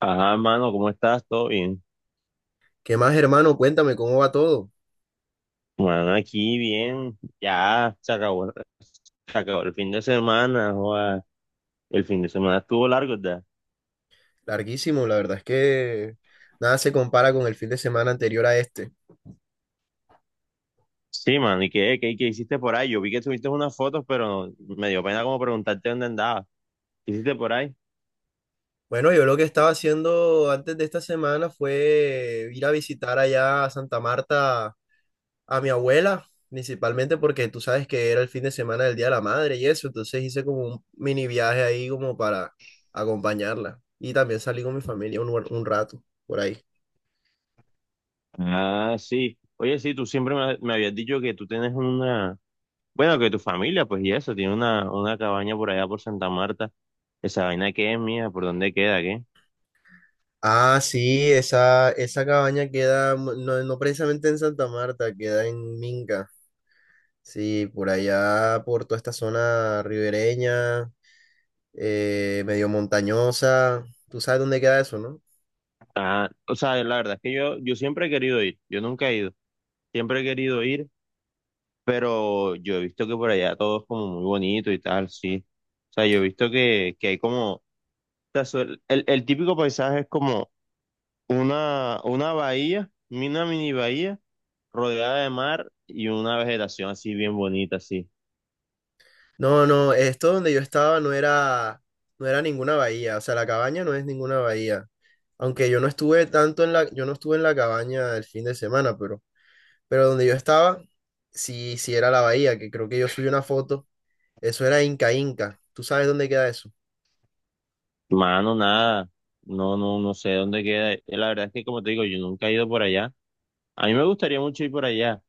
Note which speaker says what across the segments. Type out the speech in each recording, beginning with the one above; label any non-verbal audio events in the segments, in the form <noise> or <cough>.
Speaker 1: Ajá, mano, ¿cómo estás? ¿Todo bien?
Speaker 2: ¿Qué más, hermano? Cuéntame cómo va todo.
Speaker 1: Mano, aquí bien. Ya se acabó, se acabó el fin de semana. Joda. El fin de semana estuvo largo, ¿verdad?
Speaker 2: Larguísimo, la verdad es que nada se compara con el fin de semana anterior a este.
Speaker 1: Sí, mano, y qué hiciste por ahí? Yo vi que subiste unas fotos, pero me dio pena como preguntarte dónde andabas. ¿Qué hiciste por ahí?
Speaker 2: Bueno, yo lo que estaba haciendo antes de esta semana fue ir a visitar allá a Santa Marta a mi abuela, principalmente porque tú sabes que era el fin de semana del Día de la Madre y eso, entonces hice como un mini viaje ahí como para acompañarla y también salí con mi familia un rato por ahí.
Speaker 1: Ah, sí. Oye, sí, tú siempre me habías dicho que tú tienes una... Bueno, que tu familia, pues, y eso, tiene una cabaña por allá por Santa Marta. ¿Esa vaina qué es mía? ¿Por dónde queda? ¿Qué?
Speaker 2: Ah, sí, esa cabaña queda, no, no precisamente en Santa Marta, queda en Minca. Sí, por allá, por toda esta zona ribereña, medio montañosa. Tú sabes dónde queda eso, ¿no?
Speaker 1: Ah, o sea, la verdad es que yo siempre he querido ir. Yo nunca he ido. Siempre he querido ir, pero yo he visto que por allá todo es como muy bonito y tal, sí. O sea, yo he visto que hay como, o sea, el típico paisaje es como una bahía, una mini bahía, rodeada de mar y una vegetación así bien bonita, así.
Speaker 2: No, no, esto donde yo estaba no era, ninguna bahía. O sea, la cabaña no es ninguna bahía. Aunque yo no estuve tanto yo no estuve en la cabaña el fin de semana, pero donde yo estaba, sí, sí era la bahía, que creo que yo subí una foto. Eso era Inca Inca. ¿Tú sabes dónde queda eso?
Speaker 1: Mano, nada, no sé dónde queda. La verdad es que como te digo, yo nunca he ido por allá. A mí me gustaría mucho ir por allá,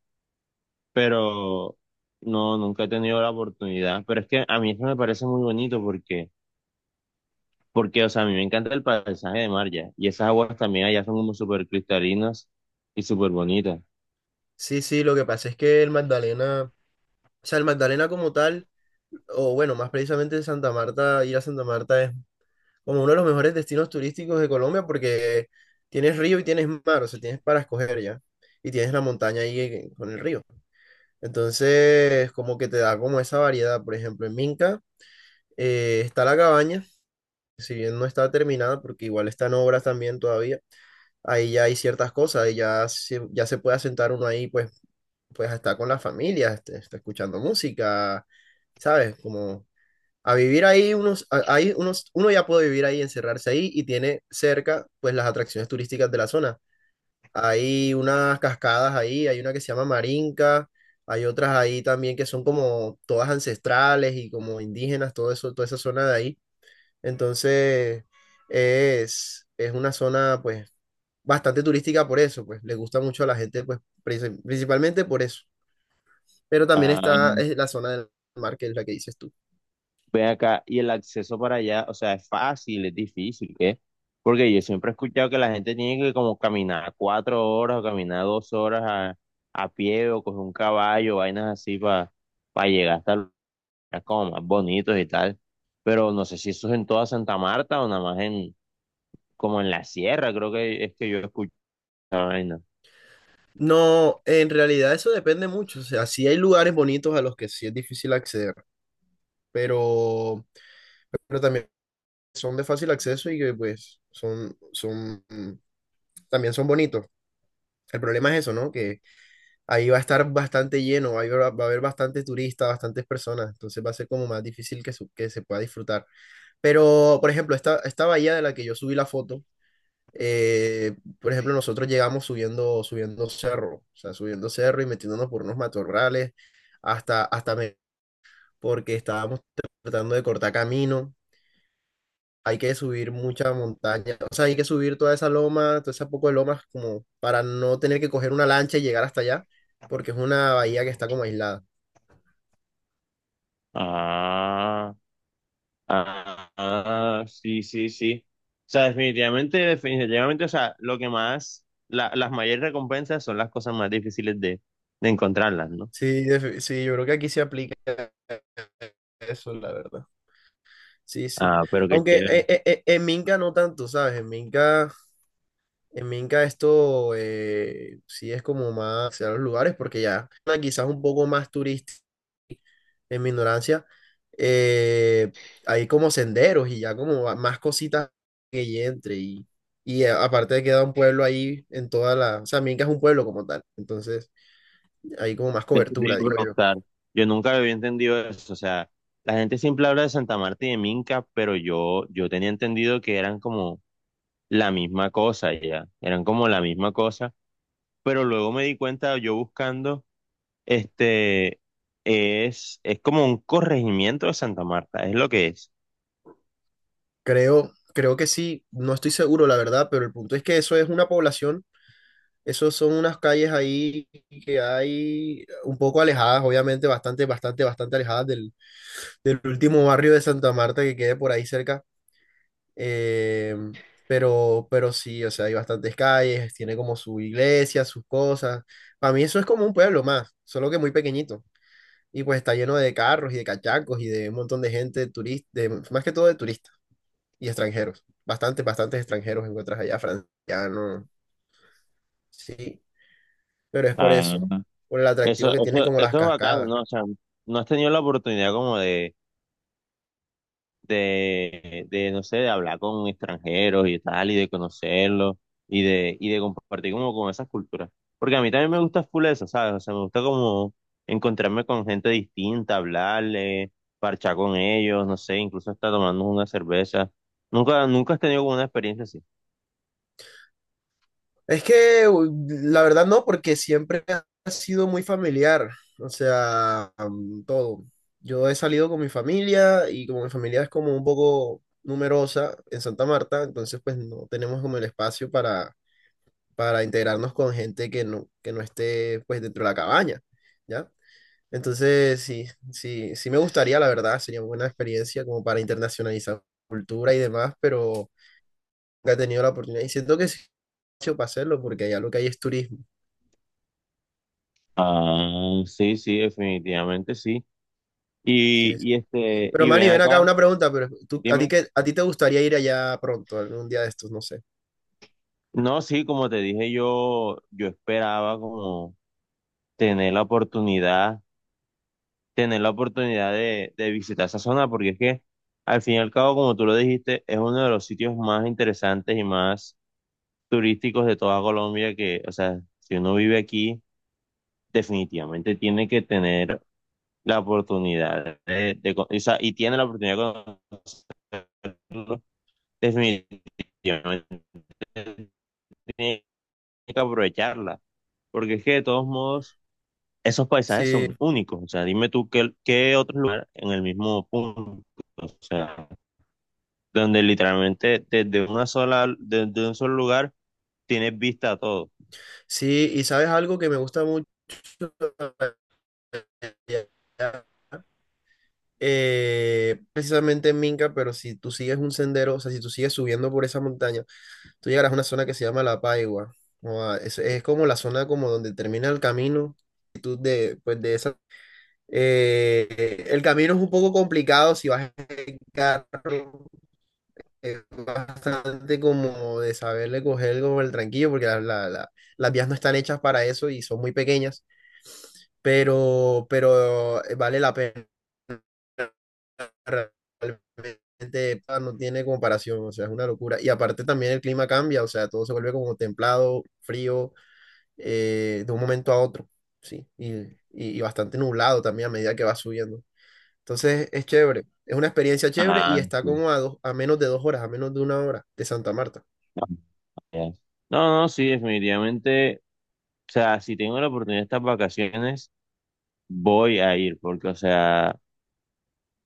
Speaker 1: pero no, nunca he tenido la oportunidad. Pero es que a mí eso me parece muy bonito porque... Porque, o sea, a mí me encanta el paisaje de mar ya. Y esas aguas también allá son como súper cristalinas y súper bonitas.
Speaker 2: Sí, sí, lo que pasa es que el Magdalena, o sea, el Magdalena como tal, o bueno, más precisamente Santa Marta, ir a Santa Marta es como uno de los mejores destinos turísticos de Colombia porque tienes río y tienes mar, o sea, tienes para escoger ya. Y tienes la montaña ahí con el río. Entonces, como que te da como esa variedad. Por ejemplo, en Minca está la cabaña, si bien no está terminada, porque igual está en obras también todavía ahí ya hay ciertas cosas, ahí ya se, puede asentar uno ahí, pues a estar con la familia, está escuchando música, ¿sabes? Como a vivir ahí unos, a- ahí unos, uno ya puede vivir ahí, encerrarse ahí y tiene cerca pues las atracciones turísticas de la zona. Hay unas cascadas ahí, hay una que se llama Marinka, hay otras ahí también que son como todas ancestrales y como indígenas, todo eso, toda esa zona de ahí. Entonces es una zona pues bastante turística por eso, pues le gusta mucho a la gente pues principalmente por eso, pero también está es la zona del mar, que es la que dices tú.
Speaker 1: Ve acá, y el acceso para allá, o sea, ¿es fácil, es difícil, qué? Porque yo siempre he escuchado que la gente tiene que como caminar cuatro horas o caminar dos horas a pie o coger un caballo, vainas así para llegar hasta lugares como más bonitos y tal. Pero no sé si eso es en toda Santa Marta o nada más en, como en la sierra, creo que es que yo he escuchado esa vaina.
Speaker 2: No, en realidad eso depende mucho, o sea, sí hay lugares bonitos a los que sí es difícil acceder, pero, pero, también son de fácil acceso y que pues son también son bonitos. El problema es eso, ¿no? Que ahí va a estar bastante lleno, ahí va a haber bastante turistas, bastantes personas, entonces va a ser como más difícil que se pueda disfrutar. Pero, por ejemplo, esta bahía de la que yo subí la foto, por ejemplo, nosotros llegamos subiendo, subiendo cerro, o sea, subiendo cerro y metiéndonos por unos matorrales hasta, porque estábamos tratando de cortar camino. Hay que subir mucha montaña, o sea, hay que subir toda esa loma, toda esa poco de lomas, como para no tener que coger una lancha y llegar hasta allá, porque es una bahía que está como aislada.
Speaker 1: Ah. Ah, ah, sí, sí, sí. O sea, definitivamente, definitivamente, o sea, lo que más, las mayores recompensas son las cosas más difíciles de encontrarlas, ¿no?
Speaker 2: Sí, sí, yo creo que aquí se aplica eso, la verdad. Sí, sí.
Speaker 1: Ah, pero qué
Speaker 2: Aunque
Speaker 1: chévere. <laughs>
Speaker 2: en Minca no tanto, ¿sabes? En Minca en Minca esto sí es como más a los lugares porque ya quizás un poco más turístico en mi ignorancia. eh, hay como senderos y ya como más cositas que y entre y a- aparte queda un pueblo ahí o sea, Minca es un pueblo como tal. Entonces hay como más
Speaker 1: Eso te
Speaker 2: cobertura,
Speaker 1: iba a
Speaker 2: digo yo.
Speaker 1: preguntar. Yo nunca había entendido eso. O sea, la gente siempre habla de Santa Marta y de Minca, pero yo tenía entendido que eran como la misma cosa, ya. Eran como la misma cosa. Pero luego me di cuenta yo buscando. Este es como un corregimiento de Santa Marta, es lo que es.
Speaker 2: creo, que sí, no estoy seguro la verdad, pero el punto es que eso es una población. Esos son unas calles ahí que hay un poco alejadas, obviamente, bastante, bastante, bastante alejadas del último barrio de Santa Marta que quede por ahí cerca. Eh, pero sí, o sea, hay bastantes calles, tiene como su iglesia, sus cosas. Para mí eso es como un pueblo más, solo que muy pequeñito. Y pues está lleno de carros y de cachacos y de un montón de gente turista, más que todo de turistas y extranjeros. Bastantes, bastantes extranjeros encuentras allá, francianos. Sí, pero es por
Speaker 1: Ah,
Speaker 2: eso, por el
Speaker 1: Eso,
Speaker 2: atractivo que tienen
Speaker 1: eso,
Speaker 2: como las
Speaker 1: eso es bacano,
Speaker 2: cascadas.
Speaker 1: ¿no? O sea, no has tenido la oportunidad como no sé, de hablar con extranjeros y tal, y de conocerlos, y de compartir como con esas culturas. Porque a mí también me gusta full eso, ¿sabes? O sea, me gusta como encontrarme con gente distinta, hablarle, parchar con ellos, no sé, incluso hasta tomarnos una cerveza. Nunca, nunca has tenido como una experiencia así.
Speaker 2: Es que la verdad no, porque siempre ha sido muy familiar, o sea, todo. Yo he salido con mi familia y como mi familia es como un poco numerosa en Santa Marta, entonces pues no tenemos como el espacio para, integrarnos con gente que no esté pues dentro de la cabaña, ¿ya? Entonces sí, sí, sí me gustaría, la verdad, sería una buena experiencia como para internacionalizar cultura y demás, pero nunca he tenido la oportunidad. Y siento que sí hecho para hacerlo, porque allá lo que hay es turismo.
Speaker 1: Ah, sí, sí, definitivamente sí.
Speaker 2: Sí, sí.
Speaker 1: Y este,
Speaker 2: Pero
Speaker 1: y
Speaker 2: Manny,
Speaker 1: ven
Speaker 2: ven acá
Speaker 1: acá,
Speaker 2: una pregunta, pero tú, ¿a ti
Speaker 1: dime.
Speaker 2: a ti te gustaría ir allá pronto, algún día de estos? No sé.
Speaker 1: No, sí, como te dije, yo esperaba como tener la oportunidad, tener la oportunidad de visitar esa zona, porque es que al fin y al cabo, como tú lo dijiste, es uno de los sitios más interesantes y más turísticos de toda Colombia que, o sea, si uno vive aquí, definitivamente tiene que tener la oportunidad de, con- o sea, y tiene la oportunidad de conocerlo. Yo no tenía que aprovecharla, porque es que de todos modos esos paisajes
Speaker 2: Sí,
Speaker 1: son únicos, o sea, dime tú qué, qué otro lugar en el mismo punto, o sea, donde literalmente desde una sola, desde un solo lugar tienes vista a todo.
Speaker 2: sí. ¿Y sabes algo que me gusta mucho allá? Precisamente en Minca, pero si tú sigues un sendero, o sea, si tú sigues subiendo por esa montaña, tú llegarás a una zona que se llama La Paigua. Es, como la zona como donde termina el camino, pues de esa. El camino es un poco complicado si vas en carro, bastante como de saberle coger como el tranquillo, porque las vías no están hechas para eso y son muy pequeñas, pero vale la pena. Realmente no tiene comparación, o sea, es una locura. Y aparte también el clima cambia, o sea, todo se vuelve como templado, frío, de un momento a otro, sí, y bastante nublado también a medida que vas subiendo. Entonces es chévere, es una experiencia chévere
Speaker 1: Ah,
Speaker 2: y está
Speaker 1: sí.
Speaker 2: como a menos de 2 horas, a menos de 1 hora de Santa Marta.
Speaker 1: Ya. No, no, sí, definitivamente, o sea, si tengo la oportunidad de estas vacaciones, voy a ir, porque, o sea,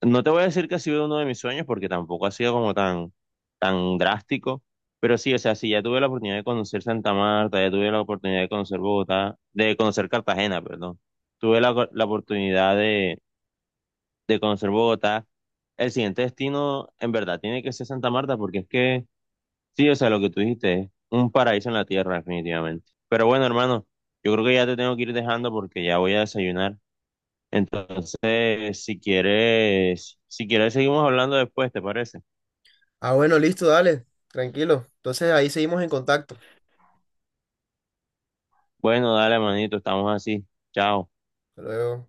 Speaker 1: no te voy a decir que ha sido uno de mis sueños porque tampoco ha sido como tan, tan drástico, pero sí, o sea, sí, ya tuve la oportunidad de conocer Santa Marta, ya tuve la oportunidad de conocer Bogotá, de conocer Cartagena, perdón. Tuve la oportunidad de conocer Bogotá. El siguiente destino, en verdad, tiene que ser Santa Marta porque es que, sí, o sea, lo que tú dijiste es un paraíso en la tierra, definitivamente. Pero bueno, hermano, yo creo que ya te tengo que ir dejando porque ya voy a desayunar. Entonces, si quieres, si quieres, seguimos hablando después, ¿te parece?
Speaker 2: Ah, bueno, listo, dale, tranquilo. Entonces ahí seguimos en contacto.
Speaker 1: Bueno, dale, manito, estamos así. Chao.
Speaker 2: Hasta luego.